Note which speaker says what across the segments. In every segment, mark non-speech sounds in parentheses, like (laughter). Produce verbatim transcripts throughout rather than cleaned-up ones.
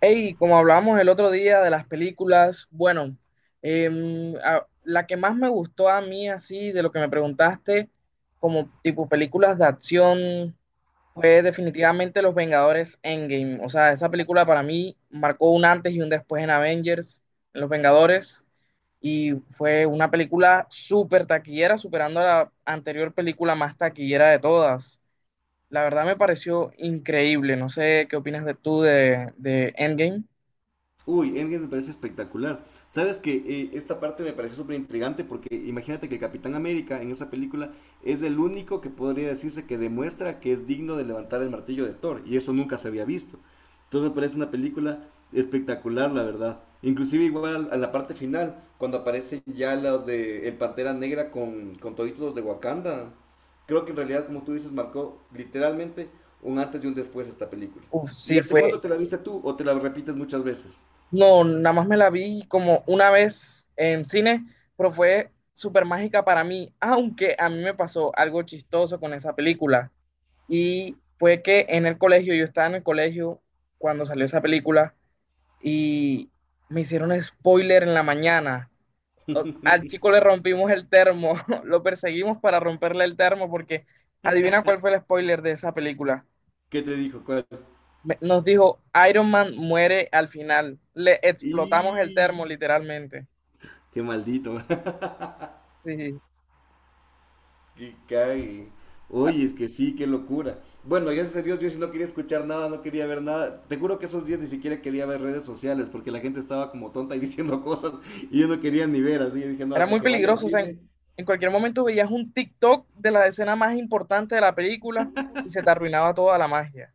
Speaker 1: Hey, como hablamos el otro día de las películas, bueno, em, a- la que más me gustó a mí así, de lo que me preguntaste, como tipo películas de acción, fue definitivamente Los Vengadores Endgame. O sea, esa película para mí marcó un antes y un después en Avengers, en Los Vengadores, y fue una película súper taquillera, superando a la anterior película más taquillera de todas. La verdad me pareció increíble. No sé qué opinas de tú de, de Endgame.
Speaker 2: Uy, Endgame me parece espectacular. Sabes que eh, esta parte me pareció súper intrigante porque imagínate que el Capitán América en esa película es el único que podría decirse que demuestra que es digno de levantar el martillo de Thor y eso nunca se había visto. Entonces me parece una película espectacular, la verdad. Inclusive igual a la parte final, cuando aparecen ya los de el Pantera Negra con, con toditos los de Wakanda. Creo que en realidad, como tú dices, marcó literalmente un antes y un después esta película.
Speaker 1: Uf,
Speaker 2: ¿Y
Speaker 1: sí,
Speaker 2: hace
Speaker 1: fue.
Speaker 2: cuánto te la viste tú o te la repites muchas veces?
Speaker 1: No, nada más me la vi como una vez en cine, pero fue súper mágica para mí, aunque a mí me pasó algo chistoso con esa película. Y fue que en el colegio, yo estaba en el colegio cuando salió esa película y me hicieron spoiler en la mañana. O- Al chico le rompimos el termo, (laughs) lo perseguimos para romperle el termo porque adivina cuál fue el spoiler de esa película.
Speaker 2: ¿Qué te dijo? ¿Cuál?
Speaker 1: Me- nos dijo, Iron Man muere al final. Le explotamos el
Speaker 2: ¡Y!
Speaker 1: termo, literalmente.
Speaker 2: ¡Qué maldito! (laughs)
Speaker 1: Sí,
Speaker 2: ¡Qué cague! Oye, es que sí, qué locura. Bueno, gracias a Dios, yo sí no quería escuchar nada, no quería ver nada. Te juro que esos días ni siquiera quería ver redes sociales porque la gente estaba como tonta y (laughs) diciendo cosas y yo no
Speaker 1: sí.
Speaker 2: quería ni ver. Así que dije, no,
Speaker 1: Era
Speaker 2: hasta
Speaker 1: muy
Speaker 2: que vaya al
Speaker 1: peligroso. O sea, en,
Speaker 2: cine.
Speaker 1: en cualquier momento veías un TikTok de la escena más importante de la película y se te arruinaba toda la magia.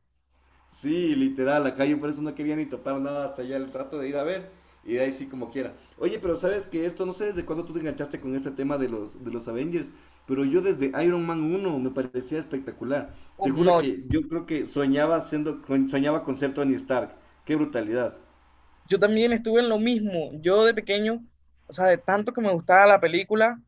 Speaker 2: Sí, literal, acá yo por eso no quería ni topar nada hasta allá el rato de ir a ver. Y de ahí sí como quiera. Oye, pero sabes que esto, no sé desde cuándo tú te enganchaste con este tema de los, de los Avengers, pero yo desde Iron Man uno me parecía espectacular. Te
Speaker 1: Uf, no,
Speaker 2: juro que yo creo que soñaba siendo, con- soñaba con ser Tony Stark. Qué brutalidad.
Speaker 1: yo también estuve en lo mismo. Yo de pequeño, o sea, de tanto que me gustaba la película,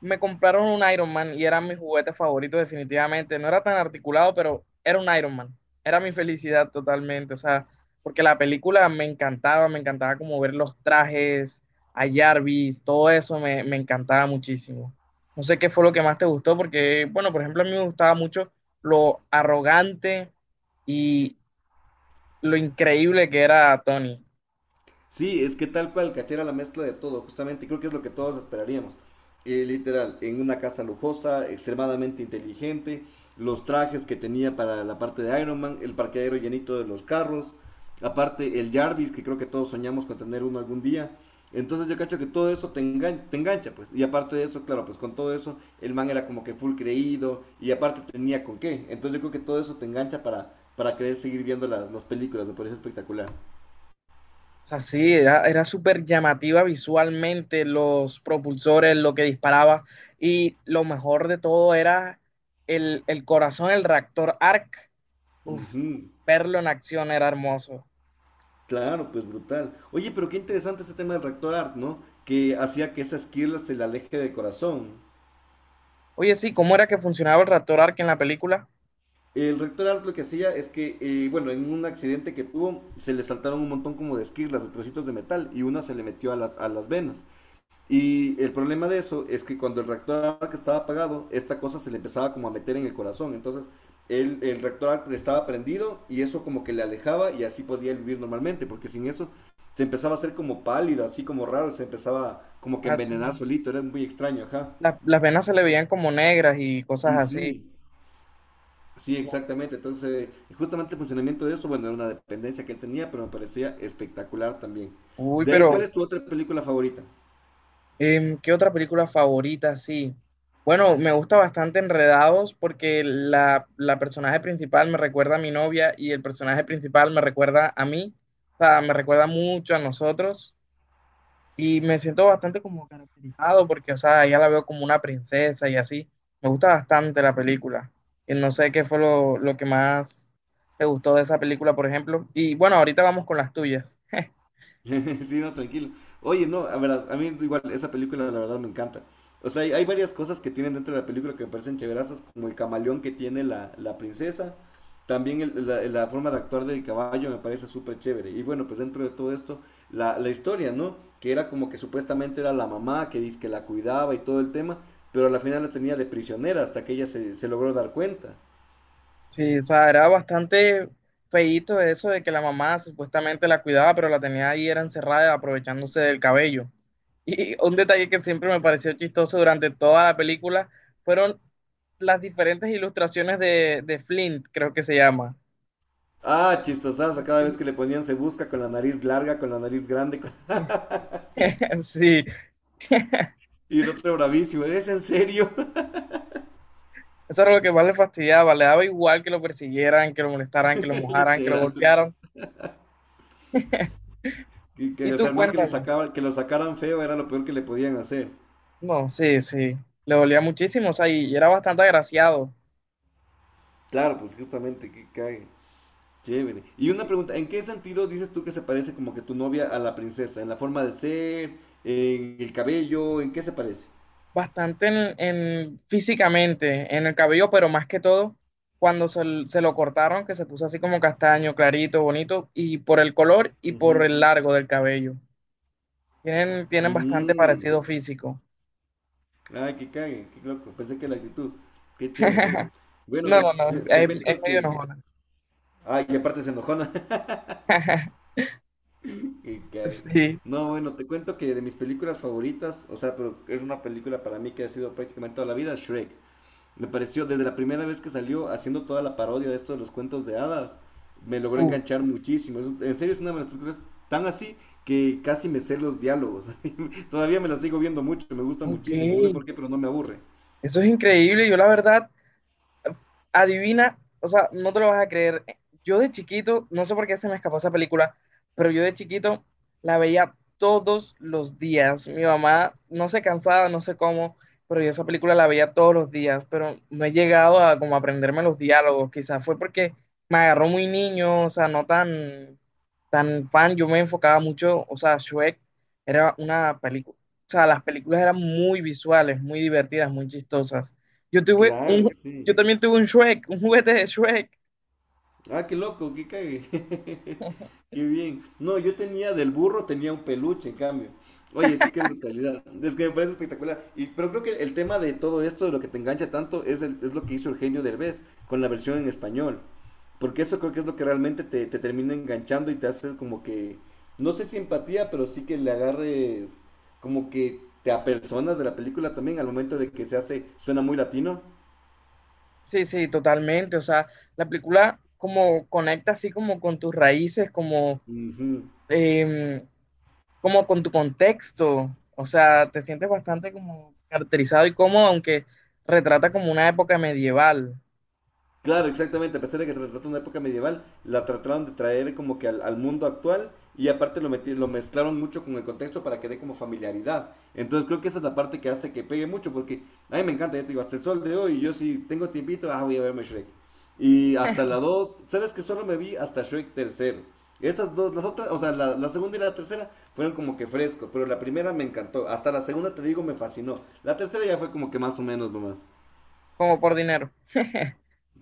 Speaker 1: me compraron un Iron Man y era mi juguete favorito definitivamente. No era tan articulado, pero era un Iron Man. Era mi felicidad totalmente, o sea, porque la película me encantaba, me encantaba como ver los trajes, a Jarvis, todo eso me, me encantaba muchísimo. No sé qué fue lo que más te gustó, porque, bueno, por ejemplo, a mí me gustaba mucho lo arrogante y lo increíble que era Tony.
Speaker 2: Sí, es que tal cual, cachera la mezcla de todo, justamente, creo que es lo que todos esperaríamos. Eh, literal, en una casa lujosa, extremadamente inteligente, los trajes que tenía para la parte de Iron Man, el parqueadero llenito de los carros, aparte el Jarvis, que creo que todos soñamos con tener uno algún día. Entonces yo cacho que todo eso te, engan- te engancha, pues. Y aparte de eso, claro, pues con todo eso, el man era como que full creído y aparte tenía con qué. Entonces yo creo que todo eso te engancha para, para querer seguir viendo las, las películas, me parece espectacular.
Speaker 1: O sea, sí, era, era súper llamativa visualmente, los propulsores, lo que disparaba. Y lo mejor de todo era el, el corazón, el reactor A R C. Uf,
Speaker 2: Ujú.
Speaker 1: verlo en acción era hermoso.
Speaker 2: Claro, pues brutal. Oye, pero qué interesante este tema del Rector Art, ¿no? Que hacía que esa esquirla se le aleje del corazón.
Speaker 1: Oye, sí, ¿cómo era que funcionaba el reactor A R C en la película?
Speaker 2: El Rector Art lo que hacía es que, eh, bueno, en un accidente que tuvo, se le saltaron un montón como de esquirlas, de trocitos de metal, y una se le metió a las, a las venas. Y el problema de eso es que cuando el reactor que estaba apagado, esta cosa se le empezaba como a meter en el corazón. Entonces, el, el reactor estaba prendido y eso como que le alejaba y así podía vivir normalmente, porque sin eso se empezaba a hacer como pálido, así como raro, se empezaba como que a
Speaker 1: Ah, sí,
Speaker 2: envenenar solito, era muy extraño, ajá.
Speaker 1: Las, las venas se le veían como negras y cosas
Speaker 2: Ujú.
Speaker 1: así.
Speaker 2: Sí, exactamente. Entonces, eh, justamente el funcionamiento de eso, bueno, era una dependencia que él tenía, pero me parecía espectacular también.
Speaker 1: Uy,
Speaker 2: De ahí,
Speaker 1: pero
Speaker 2: ¿cuál es tu otra película favorita?
Speaker 1: Em, ¿qué otra película favorita? Sí. Bueno, me gusta bastante Enredados porque la, la personaje principal me recuerda a mi novia y el personaje principal me recuerda a mí. O sea, me recuerda mucho a nosotros y me siento bastante como caracterizado porque, o sea, ya la veo como una princesa y así. Me gusta bastante la película. Y no sé qué fue lo, lo que más te gustó de esa película, por ejemplo. Y bueno, ahorita vamos con las tuyas.
Speaker 2: (laughs) Sí, no, tranquilo. Oye, no, a ver, a mí igual esa película la verdad me encanta. O sea, hay, hay varias cosas que tienen dentro de la película que me parecen chéverasas, como el camaleón que tiene la, la princesa. También el- la, la forma de actuar del caballo me parece súper chévere. Y bueno, pues dentro de todo esto, la, la historia, ¿no? Que era como que supuestamente era la mamá que dice que la cuidaba y todo el tema, pero a la final la tenía de prisionera hasta que ella se, se logró dar cuenta.
Speaker 1: Sí, o sea, era bastante feíto eso de que la mamá supuestamente la cuidaba, pero la tenía ahí era encerrada aprovechándose del cabello. Y un detalle que siempre me pareció chistoso durante toda la película fueron las diferentes ilustraciones de, de Flint, creo que se llama.
Speaker 2: Ah, chistosazo, cada vez
Speaker 1: Sí.
Speaker 2: que le ponían se busca con la nariz larga, con la nariz grande.
Speaker 1: (laughs) Sí,
Speaker 2: Y el otro bravísimo, ¿es en serio?
Speaker 1: eso era lo que más le fastidiaba, le daba igual que lo persiguieran, que lo molestaran, que lo
Speaker 2: (laughs)
Speaker 1: mojaran, que lo
Speaker 2: Literal.
Speaker 1: golpearan.
Speaker 2: Que,
Speaker 1: Y
Speaker 2: que, o sea,
Speaker 1: tú
Speaker 2: el man que lo,
Speaker 1: cuéntame.
Speaker 2: sacaba, que lo sacaran feo era lo peor que le podían hacer.
Speaker 1: No, sí, sí, le dolía muchísimo, o sea, y era bastante agraciado.
Speaker 2: Claro, pues justamente, que cague. Chévere. Y una pregunta, ¿en qué sentido dices tú que se parece como que tu novia a la princesa? ¿En la forma de ser? ¿En el cabello? ¿En qué se parece?
Speaker 1: Bastante en, en- físicamente, en el cabello, pero más que todo cuando se, l- se lo cortaron, que se puso así como castaño, clarito, bonito, y por el color y por
Speaker 2: Ujú.
Speaker 1: el largo del cabello. Tienen, tienen bastante
Speaker 2: Mm.
Speaker 1: parecido físico.
Speaker 2: Ay, que cague, qué loco. Pensé que la actitud. Qué chévere.
Speaker 1: (laughs)
Speaker 2: Bueno,
Speaker 1: No,
Speaker 2: mira,
Speaker 1: no, no,
Speaker 2: (laughs) te
Speaker 1: es, es
Speaker 2: cuento
Speaker 1: medio
Speaker 2: que...
Speaker 1: enojona.
Speaker 2: Ay, y aparte se enojona. (laughs)
Speaker 1: (laughs)
Speaker 2: Y que-
Speaker 1: Sí.
Speaker 2: No, bueno, te cuento que de mis películas favoritas, o sea, pero es una película para mí que ha sido prácticamente toda la vida, Shrek. Me pareció, desde la primera vez que salió, haciendo toda la parodia de esto de los cuentos de hadas, me logró
Speaker 1: Uh,
Speaker 2: enganchar muchísimo. Es- En serio, es una de las películas tan así que casi me sé los diálogos. (laughs) Todavía me la sigo viendo mucho, me gusta
Speaker 1: ok.
Speaker 2: muchísimo. No sé por qué, pero no me aburre.
Speaker 1: Eso es increíble. Yo la verdad adivina, o sea, no te lo vas a creer. Yo de chiquito, no sé por qué se me escapó esa película, pero yo de chiquito la veía todos los días. Mi mamá no se cansaba, no sé cómo, pero yo esa película la veía todos los días, pero no he llegado a como aprenderme los diálogos. Quizás fue porque me agarró muy niño, o sea, no tan, tan fan. Yo me enfocaba mucho, o sea, Shrek era una película, o sea, las películas eran muy visuales, muy divertidas, muy chistosas. Yo tuve un,
Speaker 2: Claro,
Speaker 1: yo
Speaker 2: sí.
Speaker 1: también tuve un Shrek, un juguete de Shrek.
Speaker 2: Ah, qué loco, qué cague. (laughs) Qué bien. No, yo tenía del burro, tenía un peluche, en cambio. Oye, es que qué brutalidad. Es que me parece espectacular. Y, pero creo que el tema de todo esto, de lo que te engancha tanto, es, el- es lo que hizo Eugenio Derbez con la versión en español. Porque eso creo que es lo que realmente te, te termina enganchando y te hace como que, no sé si empatía, pero sí que le agarres como que te apersonas de la película también al momento de que se hace, suena muy latino.
Speaker 1: Sí, sí, totalmente. O sea, la película como conecta así como con tus raíces, como,
Speaker 2: Ujú.
Speaker 1: em, como con tu contexto. O sea, te sientes bastante como caracterizado y cómodo, aunque retrata como una época medieval,
Speaker 2: Claro, exactamente. A pesar de que trata una época medieval, la trataron de traer como que al, al mundo actual y aparte lo, meti- lo mezclaron mucho con el contexto para que dé como familiaridad. Entonces creo que esa es la parte que hace que pegue mucho porque a mí me encanta, ya te digo, hasta el sol de hoy, yo si tengo tiempito, ah, voy a verme Shrek. Y hasta la dos, sabes que solo me vi hasta Shrek tercero. Esas dos, las otras, o sea, la, la segunda y la tercera fueron como que frescos, pero la primera me encantó. Hasta la segunda, te digo, me fascinó. La tercera ya fue como que más o menos nomás.
Speaker 1: como por dinero. (laughs)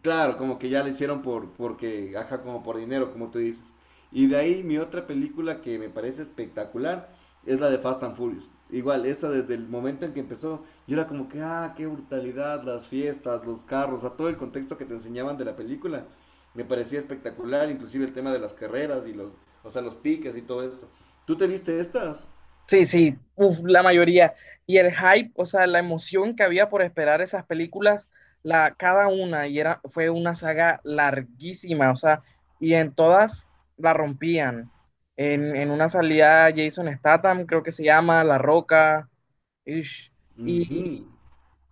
Speaker 2: Claro, como que ya la hicieron por, porque, ajá, como por dinero, como tú dices. Y de ahí mi otra película que me parece espectacular es la de Fast and Furious. Igual, esa desde el momento en que empezó, yo era como que, ah, qué brutalidad, las fiestas, los carros, a todo el contexto que te enseñaban de la película, me parecía espectacular, inclusive el tema de las carreras y los, o sea, los piques y todo esto. ¿Tú te viste estas?
Speaker 1: Sí, sí, uf, la mayoría. Y el hype, o sea, la emoción que había por esperar esas películas, la, cada una, y era, fue una saga larguísima, o sea, y en todas la rompían. En, en una salía Jason Statham, creo que se llama, La Roca, ish,
Speaker 2: Ujú.
Speaker 1: y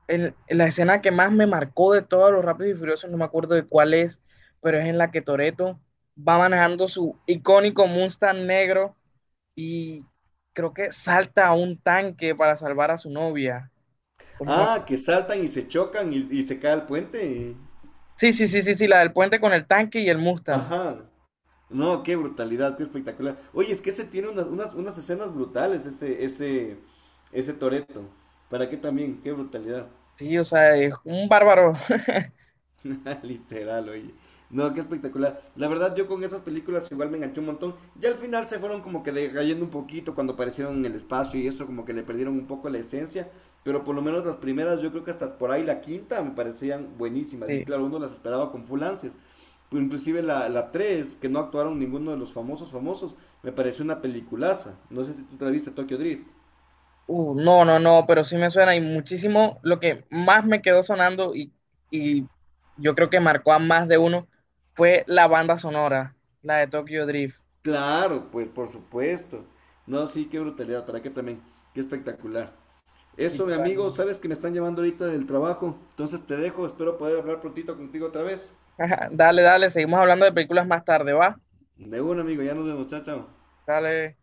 Speaker 1: en, en la escena que más me marcó de todos los Rápidos y Furiosos, no me acuerdo de cuál es, pero es en la que Toretto va manejando su icónico Mustang negro y creo que salta a un tanque para salvar a su novia. O no me acu-
Speaker 2: Ah, que saltan y se chocan y, y se cae el puente.
Speaker 1: Sí, sí, sí, sí, sí, la del puente con el tanque y el Mustang.
Speaker 2: Ajá. No, qué brutalidad, qué espectacular. Oye, es que ese tiene unas, unas, unas escenas brutales, ese, ese, ese Toreto. ¿Para qué también? Qué brutalidad.
Speaker 1: Sí, o sea, es un bárbaro. (laughs)
Speaker 2: (laughs) Literal, oye. No, qué espectacular. La verdad, yo con esas películas igual me enganché un montón. Ya al final se fueron como que decayendo un poquito cuando aparecieron en el espacio y eso, como que le perdieron un poco la esencia. Pero por lo menos las primeras, yo creo que hasta por ahí la quinta me parecían buenísimas. Y
Speaker 1: Sí.
Speaker 2: claro, uno las esperaba con full ansias. Pero inclusive la, la tres que no actuaron ninguno de los famosos famosos, me pareció una peliculaza. No sé si tú te la viste, Tokyo Drift.
Speaker 1: Uh, no, no, no, pero sí me suena y muchísimo. Lo que más me quedó sonando y, y yo creo que marcó a más de uno fue la banda sonora, la de Tokyo Drift.
Speaker 2: Claro, pues por supuesto. No, sí, qué brutalidad. ¿Para qué también? Qué espectacular.
Speaker 1: Sí,
Speaker 2: Eso, mi amigo,
Speaker 1: totalmente.
Speaker 2: sabes que me están llamando ahorita del trabajo. Entonces te dejo, espero poder hablar prontito contigo otra vez.
Speaker 1: (laughs) Dale, dale, seguimos hablando de películas más tarde, ¿va?
Speaker 2: De un amigo, ya nos vemos, chao, chao.
Speaker 1: Dale.